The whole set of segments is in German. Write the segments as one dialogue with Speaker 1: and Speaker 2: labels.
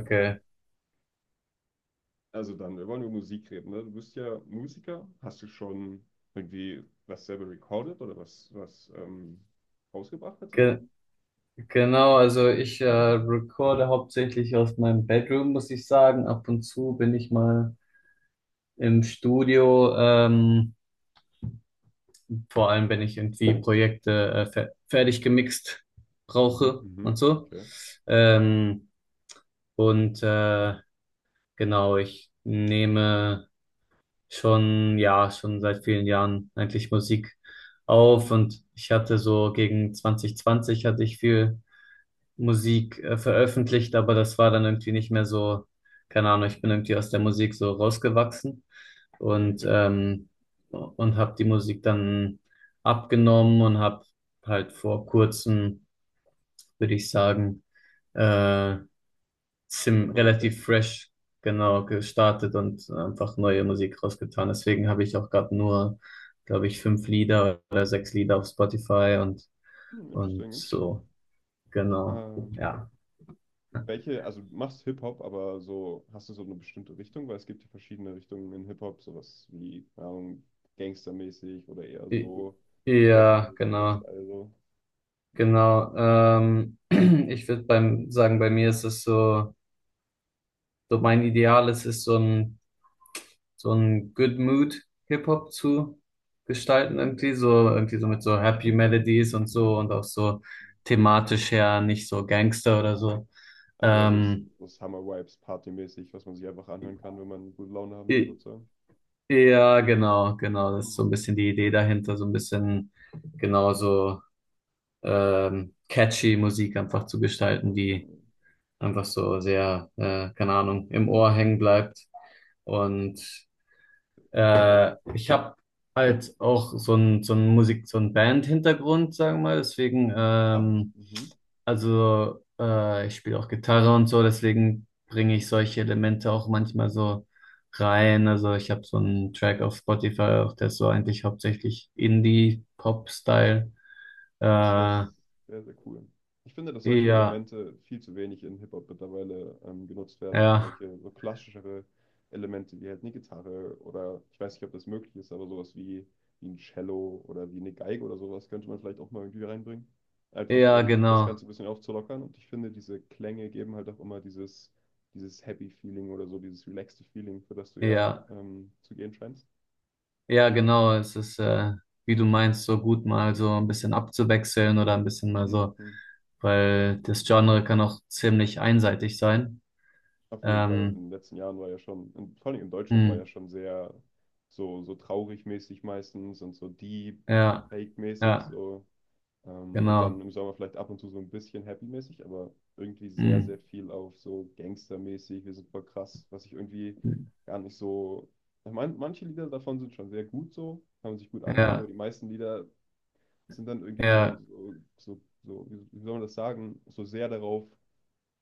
Speaker 1: Okay.
Speaker 2: Also dann, wir wollen über Musik reden, ne? Du bist ja Musiker. Hast du schon irgendwie was selber recorded oder was, rausgebracht tatsächlich?
Speaker 1: Ge genau, also ich recorde hauptsächlich aus meinem Bedroom, muss ich sagen. Ab und zu bin ich mal im Studio, vor allem wenn ich irgendwie Projekte fe fertig gemixt
Speaker 2: Mhm,
Speaker 1: brauche und
Speaker 2: mhm,
Speaker 1: so.
Speaker 2: okay.
Speaker 1: Ähm, und genau, ich nehme schon, ja, schon seit vielen Jahren eigentlich Musik auf, und ich hatte so gegen 2020 hatte ich viel Musik veröffentlicht, aber das war dann irgendwie nicht mehr so, keine Ahnung, ich bin irgendwie aus der Musik so rausgewachsen,
Speaker 2: Okay,
Speaker 1: und,
Speaker 2: okay.
Speaker 1: ähm, und habe die Musik dann abgenommen und habe halt vor kurzem, würde ich sagen, äh,
Speaker 2: Wieder
Speaker 1: zim
Speaker 2: neu
Speaker 1: relativ
Speaker 2: entdeckt.
Speaker 1: fresh genau gestartet und einfach neue Musik rausgetan. Deswegen habe ich auch gerade nur, glaube ich, fünf Lieder oder sechs Lieder auf Spotify, und,
Speaker 2: Hm,
Speaker 1: und
Speaker 2: interesting, interesting.
Speaker 1: so, genau,
Speaker 2: Ähm,
Speaker 1: ja.
Speaker 2: welche, also du machst Hip-Hop, aber so, hast du so eine bestimmte Richtung? Weil es gibt ja verschiedene Richtungen in Hip-Hop, sowas wie, keine Ahnung, gangstermäßig oder eher
Speaker 1: I-
Speaker 2: so
Speaker 1: Ja,
Speaker 2: Reggae-mäßiger
Speaker 1: genau,
Speaker 2: Style, so.
Speaker 1: genau. Ich würde bei mir ist es so, so mein Ideal ist es so ein Good Mood Hip-Hop zu
Speaker 2: Sehr
Speaker 1: gestalten, irgendwie
Speaker 2: nice, sehr
Speaker 1: so
Speaker 2: nice.
Speaker 1: irgendwie so mit so Happy Melodies und so und auch so thematisch ja nicht so Gangster oder so.
Speaker 2: Also eher so,
Speaker 1: Ähm,
Speaker 2: so Summer-Vibes, partymäßig, was man sich einfach anhören kann, wenn man gute Laune haben will,
Speaker 1: i-
Speaker 2: sozusagen.
Speaker 1: ja, genau, genau. Das ist so ein
Speaker 2: Mhm.
Speaker 1: bisschen die Idee
Speaker 2: Mhm.
Speaker 1: dahinter, so ein bisschen genauso catchy Musik einfach zu gestalten, die
Speaker 2: Mhm.
Speaker 1: einfach so sehr, keine Ahnung, im Ohr hängen bleibt. Und
Speaker 2: Ja, ja, ja.
Speaker 1: ich habe halt auch so ein Musik, so ein Band-Hintergrund, sagen wir mal. Deswegen,
Speaker 2: Ah, mhm.
Speaker 1: also ich spiele auch Gitarre und so, deswegen bringe ich
Speaker 2: Mhm.
Speaker 1: solche
Speaker 2: Mhm.
Speaker 1: Elemente auch manchmal so rein. Also ich habe so einen Track auf Spotify, auch der ist so eigentlich hauptsächlich Indie-Pop-Style. Äh,
Speaker 2: Das ist ja
Speaker 1: ja,
Speaker 2: sehr, sehr cool. Ich finde, dass solche Elemente viel zu wenig in Hip-Hop mittlerweile genutzt werden.
Speaker 1: ja,
Speaker 2: Solche so klassischere Elemente wie halt eine Gitarre oder ich weiß nicht, ob das möglich ist, aber sowas wie, wie ein Cello oder wie eine Geige oder sowas könnte man vielleicht auch mal irgendwie reinbringen. Einfach
Speaker 1: ja,
Speaker 2: um das
Speaker 1: genau.
Speaker 2: Ganze ein bisschen aufzulockern. Und ich finde, diese Klänge geben halt auch immer dieses, dieses Happy Feeling oder so, dieses relaxte Feeling, für das du ja
Speaker 1: Ja.
Speaker 2: zu gehen scheinst.
Speaker 1: Ja, genau. Es ist, wie du meinst, so gut mal so ein bisschen abzuwechseln oder ein bisschen mal so,
Speaker 2: Mhm.
Speaker 1: weil das Genre kann auch ziemlich einseitig sein.
Speaker 2: Auf jeden Fall. In
Speaker 1: Ähm,
Speaker 2: den letzten Jahren war ja schon, in, vor allem in Deutschland war
Speaker 1: hm,
Speaker 2: ja schon sehr so, so traurig mäßig meistens und so deep,
Speaker 1: ja,
Speaker 2: fake mäßig
Speaker 1: ja,
Speaker 2: so. Und dann
Speaker 1: genau.
Speaker 2: im Sommer vielleicht ab und zu so ein bisschen happy mäßig, aber irgendwie sehr,
Speaker 1: Hm,
Speaker 2: sehr viel auf so Gangster-mäßig. Wir sind voll krass, was ich irgendwie gar nicht so. Ich mein, manche Lieder davon sind schon sehr gut so, kann man sich gut anhören, aber
Speaker 1: ja,
Speaker 2: die meisten Lieder sind dann irgendwie so,
Speaker 1: ja,
Speaker 2: so, so, so wie, wie soll man das sagen, so sehr darauf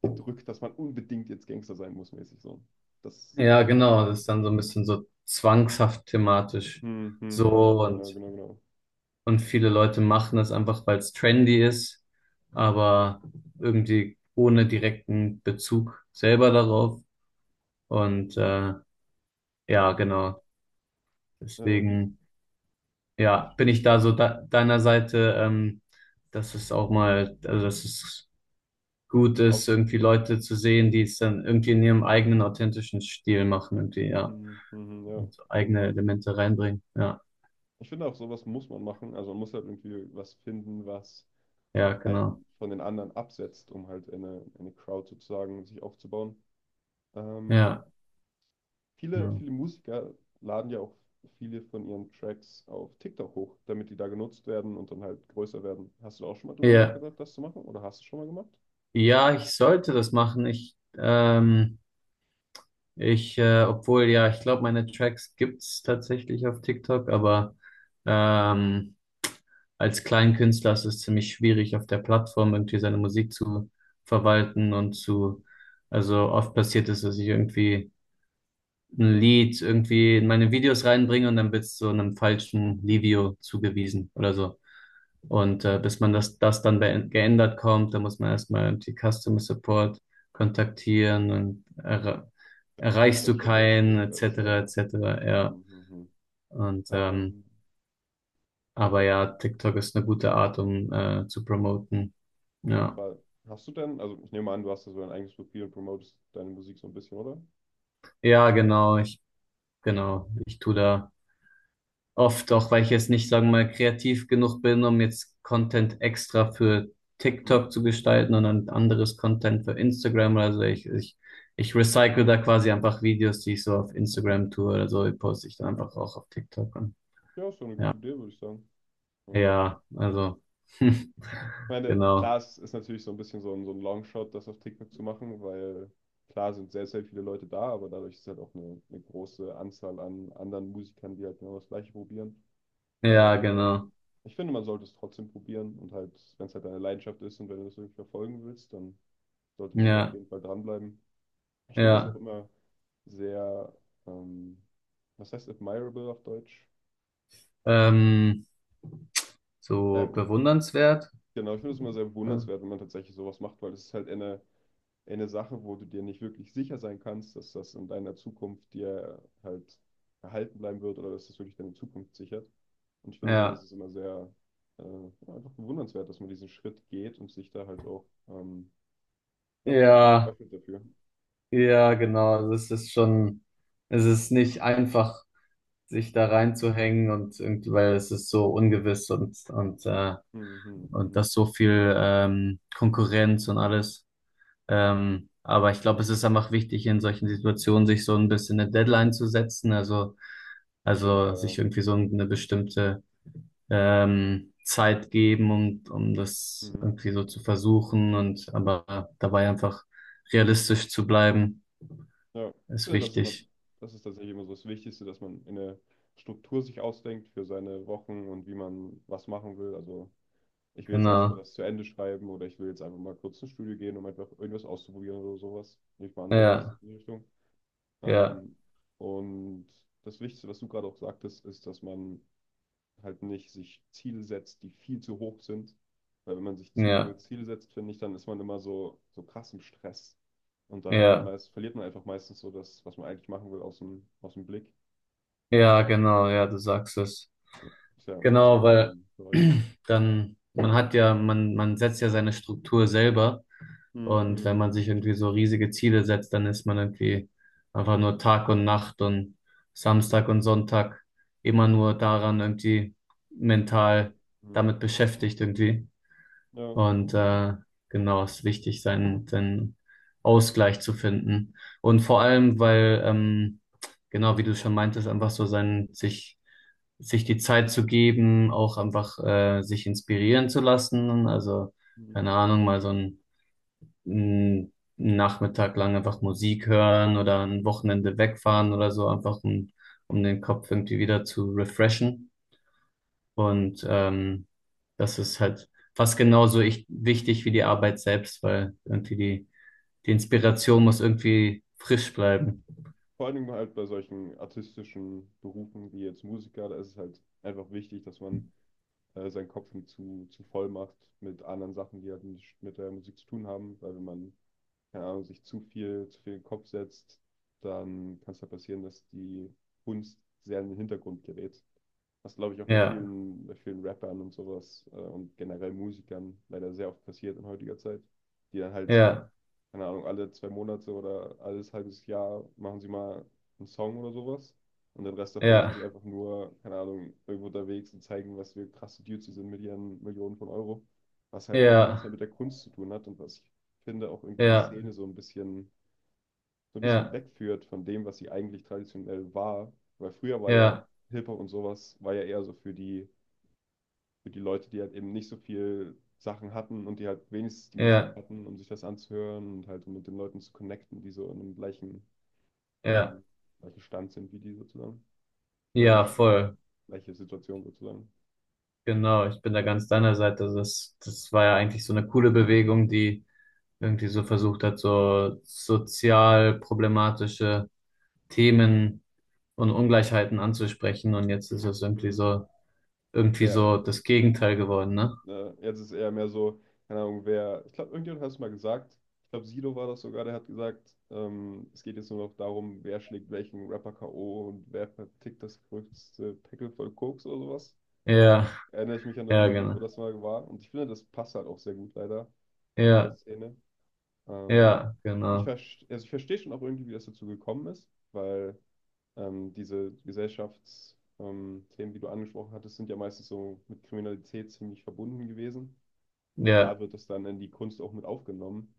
Speaker 2: gedrückt, dass man unbedingt jetzt Gangster sein muss, mäßig so. Das
Speaker 1: ja,
Speaker 2: finde
Speaker 1: genau.
Speaker 2: ich
Speaker 1: Das
Speaker 2: nicht
Speaker 1: ist
Speaker 2: so
Speaker 1: dann so ein
Speaker 2: schön.
Speaker 1: bisschen so zwangshaft thematisch.
Speaker 2: Hm, hm, hm.
Speaker 1: So
Speaker 2: Genau,
Speaker 1: und,
Speaker 2: genau, genau.
Speaker 1: und viele Leute machen das einfach, weil es trendy ist,
Speaker 2: Hm, hm.
Speaker 1: aber irgendwie ohne direkten Bezug selber darauf. Und, ja,
Speaker 2: So.
Speaker 1: genau.
Speaker 2: Wie,
Speaker 1: Deswegen,
Speaker 2: wie
Speaker 1: ja, bin ich
Speaker 2: stehst
Speaker 1: da
Speaker 2: du
Speaker 1: so da, deiner Seite, dass es auch mal, also dass es gut ist,
Speaker 2: aufgenommen
Speaker 1: irgendwie
Speaker 2: sein?
Speaker 1: Leute zu sehen, die es dann irgendwie in ihrem eigenen authentischen Stil machen, irgendwie, ja,
Speaker 2: Mhm, mhm, ja,
Speaker 1: und
Speaker 2: auf jeden
Speaker 1: eigene
Speaker 2: Fall.
Speaker 1: Elemente reinbringen. Ja,
Speaker 2: Ich finde auch, sowas muss man machen. Also man muss halt irgendwie was finden, was
Speaker 1: ja,
Speaker 2: einen
Speaker 1: genau.
Speaker 2: von den anderen absetzt, um halt eine Crowd sozusagen sich aufzubauen. Ähm,
Speaker 1: Ja,
Speaker 2: Viele,
Speaker 1: ja.
Speaker 2: viele Musiker laden ja auch viele von ihren Tracks auf TikTok hoch, damit die da genutzt werden und dann halt größer werden. Hast du da auch schon mal drüber
Speaker 1: Ja,
Speaker 2: nachgedacht, das zu machen? Oder hast du schon mal gemacht?
Speaker 1: ja, ich sollte das machen. Obwohl, ja, ich glaube, meine Tracks gibt's tatsächlich auf TikTok, aber ähm, als Kleinkünstler ist es ziemlich schwierig, auf der Plattform irgendwie seine Musik zu verwalten und
Speaker 2: Mhm.
Speaker 1: zu, also oft passiert es, dass ich irgendwie ein Lied irgendwie in meine Videos reinbringe und dann wird's so einem falschen Livio zugewiesen oder so. Und bis man das, das dann geändert kommt, dann muss man erstmal die Customer Support kontaktieren und erreichst
Speaker 2: TikTok
Speaker 1: du
Speaker 2: schon sehr
Speaker 1: keinen,
Speaker 2: schwierig alles,
Speaker 1: etc.,
Speaker 2: ja.
Speaker 1: etc.,
Speaker 2: Mhm,
Speaker 1: ja.
Speaker 2: mhm, mhm.
Speaker 1: Und,
Speaker 2: Ähm,
Speaker 1: aber
Speaker 2: ja,
Speaker 1: ja, TikTok ist eine gute Art, um zu promoten.
Speaker 2: auf jeden
Speaker 1: Ja,
Speaker 2: Fall. Hast du denn, also ich nehme an, du hast da so ein eigenes Profil und promotest deine Musik so ein bisschen, oder?
Speaker 1: ja, genau, genau, ich tu da. Oft auch, weil ich jetzt nicht, sagen wir mal, kreativ genug bin, um jetzt Content extra für TikTok zu
Speaker 2: Mhm.
Speaker 1: gestalten und dann anderes Content für Instagram. Also ich recycle da quasi einfach Videos, die ich so auf Instagram tue oder so, die poste ich dann einfach auch auf TikTok an.
Speaker 2: Ja, ist doch eine
Speaker 1: Ja,
Speaker 2: gute Idee, würde ich sagen. Ähm,
Speaker 1: ja, also,
Speaker 2: Ich meine, klar,
Speaker 1: genau.
Speaker 2: es ist natürlich so ein bisschen so ein Longshot, das auf TikTok zu machen, weil klar sind sehr, sehr viele Leute da, aber dadurch ist halt auch eine große Anzahl an anderen Musikern, die halt genau das Gleiche probieren.
Speaker 1: Ja,
Speaker 2: Aber
Speaker 1: genau.
Speaker 2: ich finde, man sollte es trotzdem probieren und halt, wenn es halt deine Leidenschaft ist und wenn du das wirklich verfolgen willst, dann sollte man da auf
Speaker 1: Ja,
Speaker 2: jeden Fall dranbleiben. Ich finde das auch
Speaker 1: ja.
Speaker 2: immer sehr, ähm, was heißt admirable auf Deutsch?
Speaker 1: Ähm,
Speaker 2: Ja,
Speaker 1: so bewundernswert.
Speaker 2: genau, ich finde es immer sehr
Speaker 1: Äh,
Speaker 2: bewundernswert, wenn man tatsächlich sowas macht, weil es ist halt eine Sache, wo du dir nicht wirklich sicher sein kannst, dass das in deiner Zukunft dir halt erhalten bleiben wird oder dass das wirklich deine Zukunft sichert. Und ich finde, sowas
Speaker 1: Ja,
Speaker 2: ist immer sehr ja, einfach bewundernswert, dass man diesen Schritt geht und sich da halt auch ja, einfach
Speaker 1: ja.
Speaker 2: öffnet dafür.
Speaker 1: Ja, genau. Also es ist schon, es ist nicht einfach, sich da reinzuhängen und irgendwie, weil es ist so ungewiss und
Speaker 2: Mhm, mhm,
Speaker 1: und
Speaker 2: mhm.
Speaker 1: das so viel Konkurrenz und alles. Aber ich glaube, es ist einfach wichtig, in solchen Situationen sich so ein bisschen eine Deadline zu setzen. Also
Speaker 2: Auf jeden
Speaker 1: also
Speaker 2: Fall, ja.
Speaker 1: sich irgendwie so eine bestimmte Zeit geben, um das
Speaker 2: Mhm.
Speaker 1: irgendwie so zu versuchen und aber dabei einfach realistisch zu bleiben,
Speaker 2: Ja, ich
Speaker 1: ist
Speaker 2: finde, das ist immer,
Speaker 1: wichtig.
Speaker 2: das ist tatsächlich immer so das Wichtigste, dass man eine Struktur sich ausdenkt für seine Wochen und wie man was machen will. Also ich will jetzt erstmal
Speaker 1: Genau.
Speaker 2: das zu Ende schreiben oder ich will jetzt einfach mal kurz ins Studio gehen, um einfach irgendwas auszuprobieren oder sowas. Ich war an sowas
Speaker 1: Ja,
Speaker 2: in die Richtung.
Speaker 1: ja,
Speaker 2: Ähm, und das Wichtigste, was du gerade auch sagtest, ist, dass man halt nicht sich Ziele setzt, die viel zu hoch sind. Weil wenn man sich zu
Speaker 1: ja,
Speaker 2: hohe Ziele setzt, finde ich, dann ist man immer so, so krass im Stress. Und dann hat man
Speaker 1: ja,
Speaker 2: meist, verliert man einfach meistens so das, was man eigentlich machen will, aus dem Blick.
Speaker 1: ja, genau, ja, du sagst es.
Speaker 2: Ist ja im Prinzip
Speaker 1: Genau,
Speaker 2: in
Speaker 1: weil
Speaker 2: jedem Bereich so.
Speaker 1: dann, man hat ja, man setzt ja seine Struktur selber und wenn
Speaker 2: Mhm.
Speaker 1: man sich irgendwie so riesige Ziele setzt, dann ist man irgendwie einfach nur Tag und Nacht und Samstag und Sonntag immer nur daran irgendwie
Speaker 2: Mhm.
Speaker 1: mental
Speaker 2: Mhm.
Speaker 1: damit beschäftigt irgendwie.
Speaker 2: Ja,
Speaker 1: Und genau, es ist wichtig, seinen Ausgleich zu finden. Und vor
Speaker 2: genau.
Speaker 1: allem, weil, genau, wie du schon meintest, einfach so sein, sich die Zeit zu geben, auch einfach sich inspirieren zu lassen. Also, keine Ahnung, mal so einen Nachmittag lang einfach Musik hören oder ein Wochenende wegfahren oder so, einfach um den Kopf irgendwie wieder zu refreshen. Und das ist halt fast genauso wichtig wie die Arbeit selbst, weil irgendwie die Inspiration muss irgendwie frisch bleiben.
Speaker 2: Vor allen Dingen halt bei solchen artistischen Berufen wie jetzt Musiker, da ist es halt einfach wichtig, dass man seinen Kopf nicht zu voll macht mit anderen Sachen, die halt nicht mit der Musik zu tun haben, weil wenn man, keine Ahnung, sich zu viel in den Kopf setzt, dann kann es halt passieren, dass die Kunst sehr in den Hintergrund gerät. Was glaube ich auch
Speaker 1: Ja,
Speaker 2: bei vielen Rappern und sowas und generell Musikern leider sehr oft passiert in heutiger Zeit, die dann halt
Speaker 1: ja,
Speaker 2: keine Ahnung, alle zwei Monate oder alles halbes Jahr machen sie mal einen Song oder sowas. Und den Rest davon sind
Speaker 1: ja,
Speaker 2: sie einfach nur, keine Ahnung, irgendwo unterwegs und zeigen, was für krasse Dudes sie sind mit ihren Millionen von Euro. Was halt irgendwie nichts
Speaker 1: ja,
Speaker 2: mehr mit der Kunst zu tun hat und was ich finde auch irgendwie die
Speaker 1: ja,
Speaker 2: Szene so ein bisschen
Speaker 1: ja,
Speaker 2: wegführt von dem, was sie eigentlich traditionell war. Weil früher war ja
Speaker 1: ja,
Speaker 2: Hip-Hop und sowas, war ja eher so für die Leute, die halt eben nicht so viel Sachen hatten und die halt wenigstens die Musik
Speaker 1: ja,
Speaker 2: hatten, um sich das anzuhören und halt um mit den Leuten zu connecten, die so in einem gleichen,
Speaker 1: ja,
Speaker 2: ähm, gleichen Stand sind wie die sozusagen. Oder
Speaker 1: ja,
Speaker 2: nicht Stand,
Speaker 1: voll.
Speaker 2: gleiche Situation sozusagen.
Speaker 1: Genau, ich bin da ganz deiner Seite. Also das war ja eigentlich so eine coole Bewegung, die irgendwie so versucht hat, so sozial problematische Themen und Ungleichheiten anzusprechen. Und jetzt ist es irgendwie
Speaker 2: Mhm.
Speaker 1: so irgendwie
Speaker 2: Wer,
Speaker 1: so das Gegenteil geworden, ne?
Speaker 2: Jetzt ist eher mehr so, keine Ahnung, wer, ich glaube, irgendjemand hat es mal gesagt, ich glaube, Sido war das sogar, der hat gesagt, es geht jetzt nur noch darum, wer schlägt welchen Rapper K.O. und wer vertickt das größte Pickel voll Koks oder sowas.
Speaker 1: Ja,
Speaker 2: Erinnere ich mich an
Speaker 1: ja,
Speaker 2: irgendein Lied, wo
Speaker 1: genau.
Speaker 2: das mal war. Und ich finde, das passt halt auch sehr gut leider zu der
Speaker 1: Ja,
Speaker 2: Szene. Ähm,
Speaker 1: ja,
Speaker 2: ich
Speaker 1: genau.
Speaker 2: verstehe, also ich verstehe schon auch irgendwie, wie das dazu gekommen ist, weil diese Gesellschaftsthemen, Themen, die du angesprochen hattest, sind ja meistens so mit Kriminalität ziemlich verbunden gewesen. Und klar
Speaker 1: Ja,
Speaker 2: wird das dann in die Kunst auch mit aufgenommen.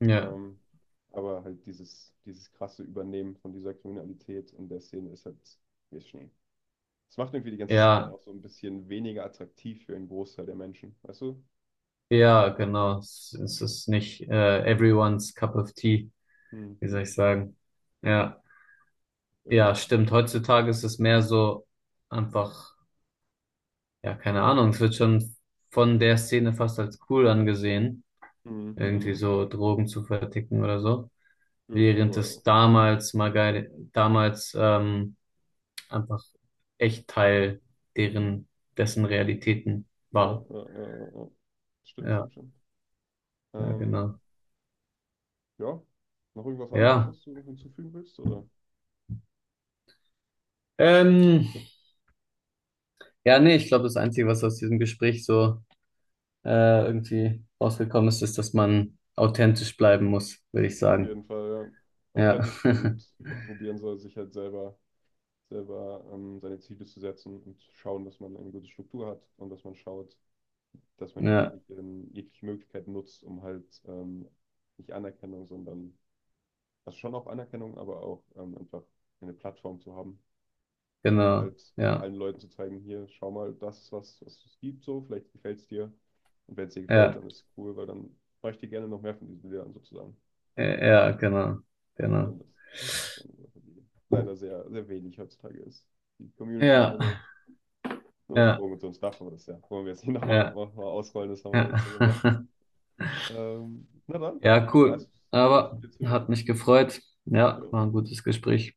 Speaker 1: ja,
Speaker 2: Ähm, aber halt dieses krasse Übernehmen von dieser Kriminalität in der Szene ist halt ein bisschen. Es macht irgendwie die ganze Szene
Speaker 1: ja,
Speaker 2: auch so ein bisschen weniger attraktiv für einen Großteil der Menschen, weißt du?
Speaker 1: ja, genau. Es ist nicht everyone's cup of tea,
Speaker 2: Hm,
Speaker 1: wie soll ich
Speaker 2: hm.
Speaker 1: sagen. Ja,
Speaker 2: Verstehst
Speaker 1: ja,
Speaker 2: du?
Speaker 1: stimmt. Heutzutage ist es mehr so einfach, ja, keine Ahnung, es wird schon von der Szene fast als cool angesehen, irgendwie
Speaker 2: Mhm.
Speaker 1: so Drogen zu verticken oder so.
Speaker 2: Ja,
Speaker 1: Während
Speaker 2: Tutorial
Speaker 1: es
Speaker 2: auch.
Speaker 1: damals mal geil, damals, einfach echt Teil deren, dessen Realitäten
Speaker 2: Ja,
Speaker 1: war.
Speaker 2: ja, ja, ja. Stimmt,
Speaker 1: Ja,
Speaker 2: stimmt, stimmt.
Speaker 1: ja,
Speaker 2: Ähm,
Speaker 1: genau.
Speaker 2: ja, noch irgendwas anderes,
Speaker 1: Ja.
Speaker 2: was du noch hinzufügen willst, oder?
Speaker 1: Ähm, ja, nee, ich glaube, das Einzige, was aus diesem Gespräch so irgendwie rausgekommen ist, ist, dass man authentisch bleiben muss, würde ich
Speaker 2: Auf
Speaker 1: sagen.
Speaker 2: jeden Fall, ja.
Speaker 1: Ja.
Speaker 2: Authentisch und probieren soll, selber seine Ziele zu setzen und schauen, dass man eine gute Struktur hat und dass man schaut, dass man
Speaker 1: Ja,
Speaker 2: jegliche Möglichkeit nutzt, um halt nicht Anerkennung, sondern, also schon auch Anerkennung, aber auch einfach eine Plattform zu haben, um
Speaker 1: genau.
Speaker 2: halt
Speaker 1: Ja.
Speaker 2: allen Leuten zu zeigen, hier, schau mal, das ist was, was es gibt, so, vielleicht gefällt es dir. Und wenn es dir gefällt,
Speaker 1: Ja.
Speaker 2: dann ist es cool, weil dann mache ich dir gerne noch mehr von diesen Bildern sozusagen.
Speaker 1: Ja, genau.
Speaker 2: Denn
Speaker 1: Genau.
Speaker 2: das ist eine Sache, die leider sehr, sehr wenig heutzutage ist. Die Community ist
Speaker 1: Ja.
Speaker 2: nur noch
Speaker 1: Ja.
Speaker 2: Drogen und so ein Stuff, aber das ja, wollen wir jetzt nicht
Speaker 1: Ja.
Speaker 2: noch mal ausrollen, das haben wir
Speaker 1: Ja.
Speaker 2: jetzt schon gemacht. Na dann,
Speaker 1: Ja,
Speaker 2: war
Speaker 1: cool.
Speaker 2: nice, nice
Speaker 1: Aber
Speaker 2: mit dir zu
Speaker 1: hat
Speaker 2: reden.
Speaker 1: mich gefreut. Ja,
Speaker 2: Ja.
Speaker 1: war ein gutes Gespräch.